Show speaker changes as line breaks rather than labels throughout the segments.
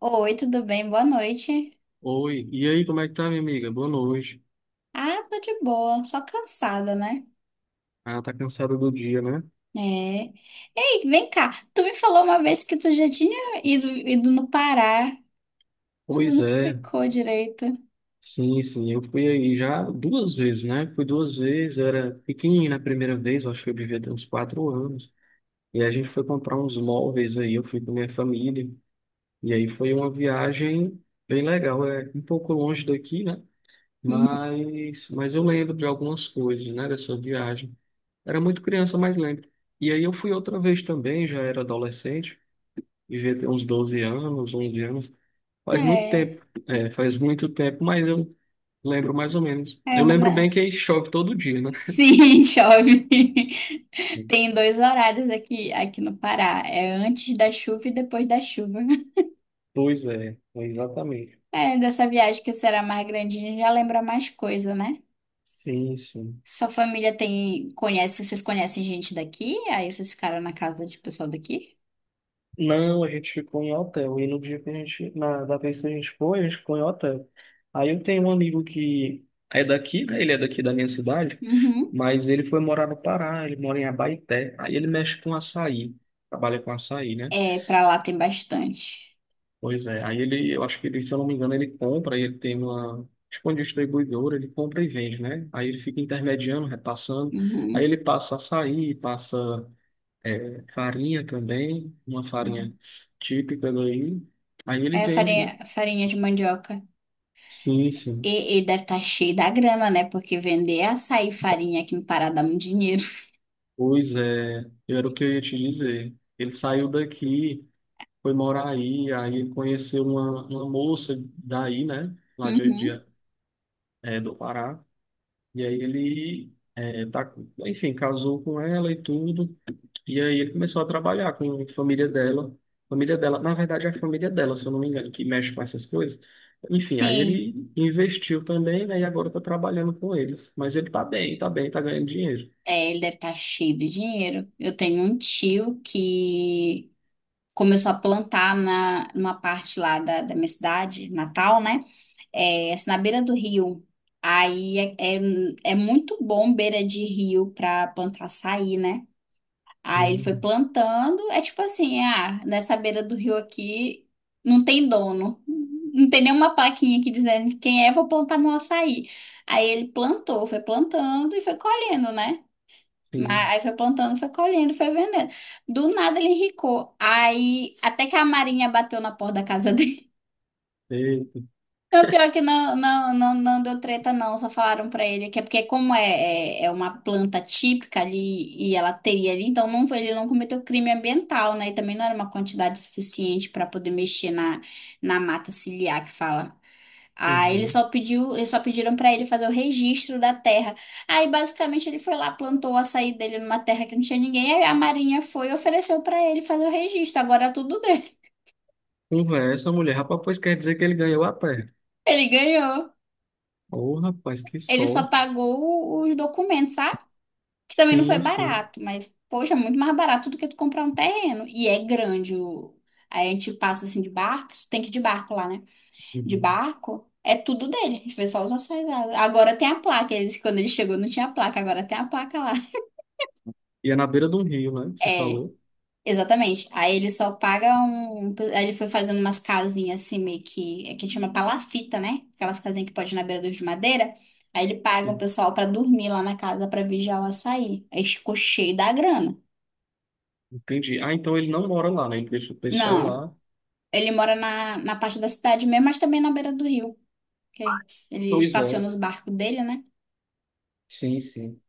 Oi, tudo bem? Boa noite.
Oi, e aí, como é que tá, minha amiga? Boa noite.
Ah, tô de boa, só cansada, né?
Ah, tá cansada do dia, né?
É. Ei, vem cá. Tu me falou uma vez que tu já tinha ido no Pará. Tu não
Pois é,
explicou direito.
sim, sim, eu fui aí já duas vezes, né? Fui duas vezes, eu era pequenininho na primeira vez, eu acho que eu devia ter uns 4 anos. E a gente foi comprar uns móveis aí, eu fui com minha família. E aí foi uma viagem bem legal, é um pouco longe daqui, né?
Hum.
Mas eu lembro de algumas coisas, né, dessa viagem. Era muito criança, mas lembro. E aí eu fui outra vez também, já era adolescente. Devia ter uns 12 anos, 11 anos. Faz muito
É.
tempo, é, faz muito tempo, mas eu lembro mais ou menos.
É,
Eu
mas...
lembro bem que chove todo dia, né?
Sim, chove. Tem dois horários aqui no Pará. É antes da chuva e depois da chuva.
Pois é, é exatamente.
É, dessa viagem que será mais grandinha, já lembra mais coisa, né?
Sim, sim.
Sua família, vocês conhecem gente daqui? Aí vocês ficaram na casa de pessoal daqui?
Não, a gente ficou em hotel. E no dia que a gente, na, da vez que a gente foi, a gente ficou em hotel. Aí eu tenho um amigo que é daqui, né? Ele é daqui da minha cidade,
Uhum.
mas ele foi morar no Pará, ele mora em Abaeté. Aí ele mexe com açaí, trabalha com açaí, né?
É, pra lá tem bastante.
Pois é, aí ele, eu acho que ele, se eu não me engano, ele compra, ele tem uma, tipo uma distribuidora, ele compra e vende, né? Aí ele fica intermediando, repassando, aí
Uhum.
ele passa açaí, passa é, farinha também, uma
É
farinha típica daí, aí ele
é
vende, né?
farinha de mandioca.
Sim,
E,
sim.
ele deve estar cheio da grana, né? Porque vender é açaí e farinha aqui no Pará dá muito dinheiro.
Pois é, era o que eu ia te dizer. Ele saiu daqui, foi morar aí, aí ele conheceu uma moça daí, né? Lá de,
Uhum.
é, do Pará. E aí ele, é, tá, enfim, casou com ela e tudo. E aí ele começou a trabalhar com a família dela. Família dela, na verdade, é a família dela, se eu não me engano, que mexe com essas coisas. Enfim, aí
Sim.
ele investiu também, né? E agora tá trabalhando com eles. Mas ele tá bem, tá bem, tá ganhando dinheiro.
É, ele deve estar cheio de dinheiro. Eu tenho um tio que começou a plantar numa parte lá da minha cidade, Natal, né? É, assim, na beira do rio. Aí é muito bom beira de rio pra plantar açaí, né? Aí ele foi
Hum,
plantando, é tipo assim, nessa beira do rio aqui não tem dono. Não tem nenhuma plaquinha aqui dizendo de quem é, vou plantar meu açaí. Aí ele plantou, foi plantando e foi colhendo, né? Mas
sim.
aí foi plantando, foi colhendo, foi vendendo. Do nada ele enricou. Aí até que a Marinha bateu na porta da casa dele.
Eita.
Não, pior que não, não, não, não deu treta, não. Só falaram pra ele que é porque, como é uma planta típica ali e ela teria ali, então não, ele não cometeu crime ambiental, né? E também não era uma quantidade suficiente pra poder mexer na mata ciliar que fala. Aí ele
Uhum.
só pediu, eles só pediram pra ele fazer o registro da terra. Aí basicamente ele foi lá, plantou o açaí dele numa terra que não tinha ninguém, aí a Marinha foi e ofereceu pra ele fazer o registro. Agora é tudo dele.
Conversa, mulher. Rapaz, pois quer dizer que ele ganhou a terra.
Ele ganhou.
Ô, rapaz, que
Ele só
sorte.
pagou os documentos, sabe? Que também não foi
Sim, sim.
barato, mas, poxa, é muito mais barato do que tu comprar um terreno. E é grande. Aí a gente passa assim de barco, tem que ir de barco lá, né? De
Uhum.
barco, é tudo dele. A gente vê só os acessórios. Agora tem a placa. Eles, quando ele chegou, não tinha placa, agora tem a placa lá.
E é na beira de um rio, né? Que Você
É,
falou.
exatamente. Aí ele só paga aí ele foi fazendo umas casinhas assim, meio que. É que chama palafita, né? Aquelas casinhas que pode ir na beira do rio de madeira. Aí ele paga o pessoal pra dormir lá na casa pra vigiar o açaí. Aí ficou cheio da grana.
Entendi. Ah, então ele não mora lá, né? Ele deixa o pessoal
Não.
lá.
Ele mora na parte da cidade mesmo, mas também na beira do rio. Que Ele
Pois
estaciona
é,
os barcos dele, né?
sim, sim.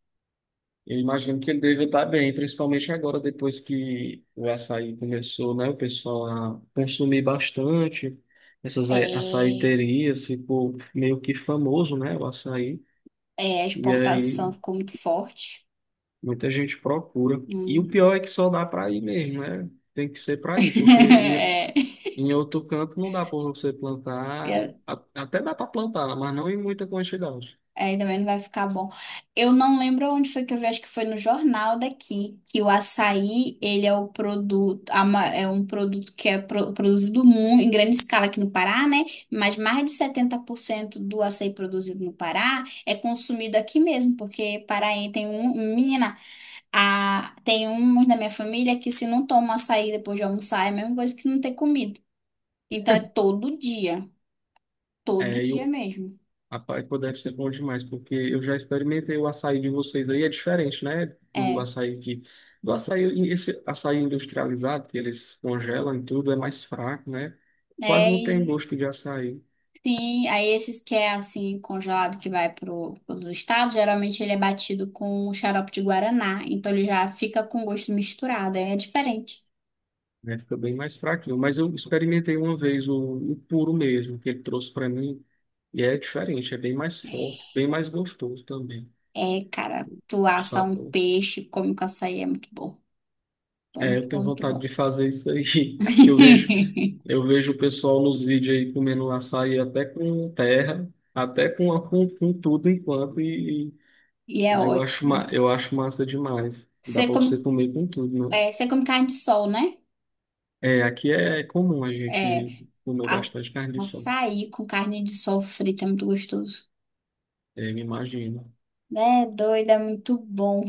Eu imagino que ele deve estar bem, principalmente agora, depois que o açaí começou, né? O pessoal a consumir bastante essas ai-
É,
açaiterias, ficou meio que famoso, né? O açaí.
a
E
exportação
aí
ficou muito forte.
muita gente procura. E o
Hum.
pior é que só dá para ir mesmo, né? Tem que ser para ir, porque em, em outro canto não dá para você plantar.
É.
A- Até dá para plantar, mas não em muita quantidade.
É, também não vai ficar bom. Eu não lembro onde foi que eu vi, acho que foi no jornal daqui, que o açaí, ele é o produto, é um produto que é produzido em grande escala aqui no Pará, né? Mas mais de 70% do açaí produzido no Pará é consumido aqui mesmo, porque Paraí menina, tem uns da minha família que se não toma açaí depois de almoçar, é a mesma coisa que não ter comido. Então é todo
É,
dia mesmo.
rapaz, pô, deve ser bom demais, porque eu já experimentei o açaí de vocês aí, é diferente, né? Do
É.
açaí que. Do açaí, esse açaí industrializado, que eles congelam e tudo, é mais fraco, né? Quase não tem
É,
gosto de açaí,
sim, aí esses que é assim, congelado, que vai para os estados, geralmente ele é batido com um xarope de guaraná. Então ele já fica com gosto misturado, é diferente.
né? Fica bem mais fraquinho. Mas eu experimentei uma vez o puro mesmo, que ele trouxe para mim, e é diferente, é bem mais forte, bem mais gostoso também,
É, cara, tu
o
assa um
sabor.
peixe, come com açaí, é muito bom. Bom,
É, eu
muito
tenho
bom, muito
vontade de
bom.
fazer isso aí, que eu vejo o pessoal nos vídeos aí comendo um açaí até com terra, até com, a- com, com tudo enquanto, e
E é
aí eu acho, ma-
ótimo.
eu acho massa demais. Dá
Você
pra você
come,
comer com tudo, né?
você come carne de sol, né?
É, aqui é comum a
É,
gente comer
a,
bastante carne de sol,
açaí com carne de sol frita é muito gostoso.
é, me imagino.
É doido, é muito bom.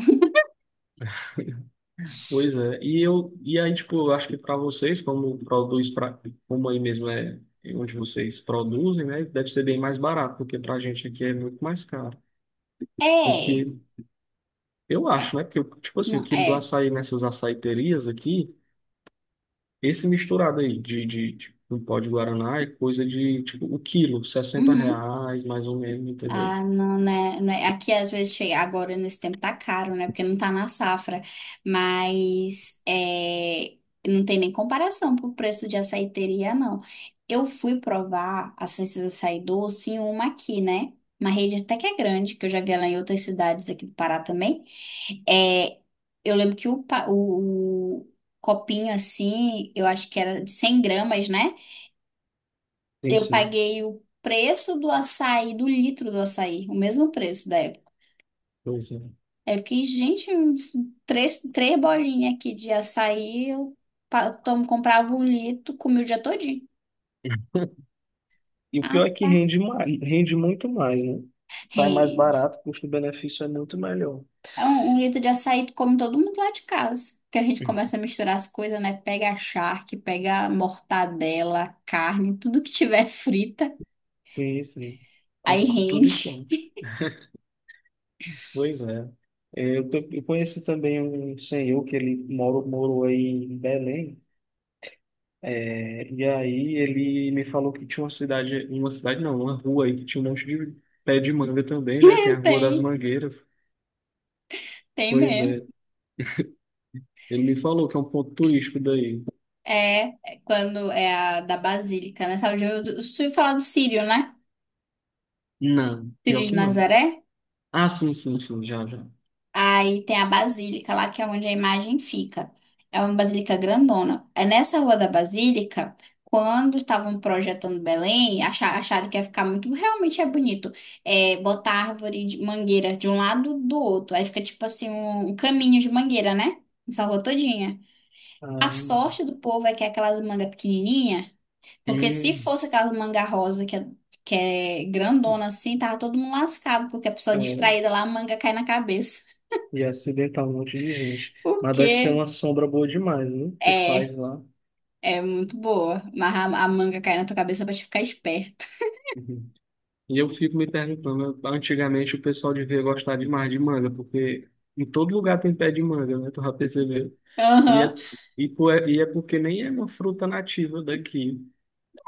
Pois é, e eu, e aí, tipo, eu acho que para vocês, como produz pra, como aí mesmo é onde vocês produzem, né, deve ser bem mais barato, porque pra gente aqui é muito mais caro.
É,
O
é,
que eu acho, né? Que, tipo assim,
não,
o quilo do
é.
açaí nessas açaiterias aqui, esse misturado aí de um pó de Guaraná é coisa de, tipo, o quilo, sessenta
Uhum.
reais, mais ou menos, entendeu?
Ah, não, né? não é- Aqui às vezes chega, agora nesse tempo tá caro, né? Porque não tá na safra, mas não tem nem comparação pro preço de açaiteria, não. Eu fui provar a ciência do açaí doce em uma aqui, né? Uma rede até que é grande, que eu já vi ela em outras cidades aqui do Pará também. É, eu lembro que o copinho assim, eu acho que era de 100 gramas, né?
Sim,
Eu
sim.
paguei o preço do açaí, do litro do açaí, o mesmo preço da época.
Pois é.
Aí eu fiquei, gente, uns três bolinhas aqui de açaí, eu comprava um litro, comia o dia todinho.
E o
Ah,
pior é que
pá.
rende mais, rende muito mais, né? Sai mais
Rende.
barato, custo-benefício é muito melhor.
É. Um litro de açaí tu come todo mundo lá de casa. Que a gente começa a misturar as coisas, né? Pega a charque, pega a mortadela, carne, tudo que tiver frita,
Sim, sim.
aí
Com tudo
rende.
em conta. Pois é. É, eu, te- eu conheci também um senhor que ele morou, morou aí em Belém. É, e aí ele me falou que tinha uma cidade não, uma rua aí que tinha um monte de pé de manga também, né? Tem a Rua das
Tem,
Mangueiras.
tem
Pois
mesmo.
é, ele me falou que é um ponto turístico daí.
É, é, quando é a da Basílica, né? Sabe, eu falar do Sírio, né?
Não, pior
Sírio de
que não.
Nazaré.
Ah, sim, sim, sim, já, já.
Aí tem a Basílica lá, que é onde a imagem fica. É uma basílica grandona. É nessa rua da Basílica, quando estavam projetando Belém, acharam que ia ficar muito. Realmente é bonito. É, botar árvore de mangueira de um lado do outro. Aí fica tipo assim, um caminho de mangueira, né? Essa rua todinha.
Ah,
A sorte do povo é que é aquelas mangas pequenininhas, porque
é,
se fosse aquela manga rosa que é grandona assim, tava todo mundo lascado, porque a pessoa
é,
distraída lá, a manga cai na cabeça.
e acidentar um monte de gente.
O
Mas deve ser
quê?
uma sombra boa demais, né? Que
É,
faz lá.
é muito boa. Amarrar a manga cai na tua cabeça pra te ficar esperto.
E eu fico me perguntando, antigamente o pessoal devia gostar demais de manga, porque em todo lugar tem pé de manga, né? Tu já percebeu? E é,
Aham.
e, po- e é porque nem é uma fruta nativa daqui.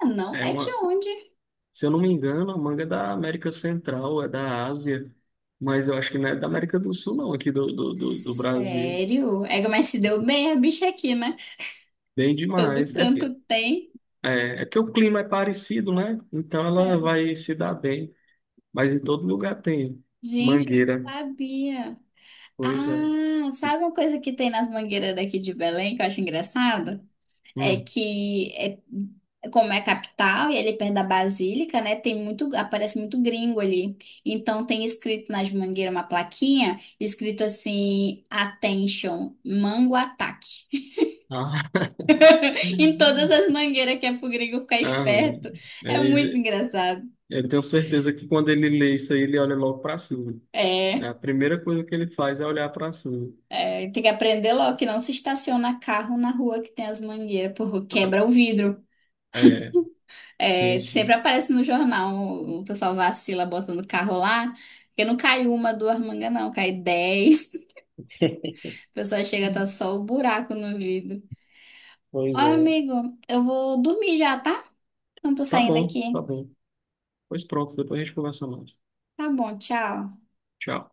Ah, não
É
é de
uma,
onde?
se eu não me engano, a manga é da América Central, é da Ásia, mas eu acho que não é da América do Sul, não, aqui do Brasil.
Sério? É, mas se deu bem a bicha aqui, né?
Bem
Todo
demais. É,
canto
porque-
tem.
é, é que o clima é parecido, né? Então ela
É.
vai se dar bem. Mas em todo lugar tem
Gente, eu não
mangueira.
sabia.
Pois é.
Ah, sabe uma coisa que tem nas mangueiras daqui de Belém que eu acho engraçado? é
Hum.
que é- É como é a capital e ele perto da Basílica, né, aparece muito gringo ali. Então tem escrito nas mangueiras uma plaquinha escrito assim, Attention, Mango Ataque.
Ah.
Em todas
Uhum.
as mangueiras que é pro gringo ficar
Ah,
esperto. É
aí
muito
j-
engraçado.
eu tenho certeza que quando ele lê isso aí, ele olha logo para cima.
É,
Né? A primeira coisa que ele faz é olhar para cima.
tem que aprender logo que não se estaciona carro na rua que tem as mangueiras, porque
Ah,
quebra o vidro.
é, sim,
É, sempre
sim.
aparece no jornal, o pessoal vacila botando carro lá, porque não cai uma, duas mangas, não, cai 10. O pessoal chega, tá só o buraco no vidro. Ó,
Pois é.
amigo, eu vou dormir já, tá? Não tô
Tá
saindo
bom,
aqui.
tá bom. Pois pronto, depois a gente conversa mais.
Tá bom, tchau.
Tchau.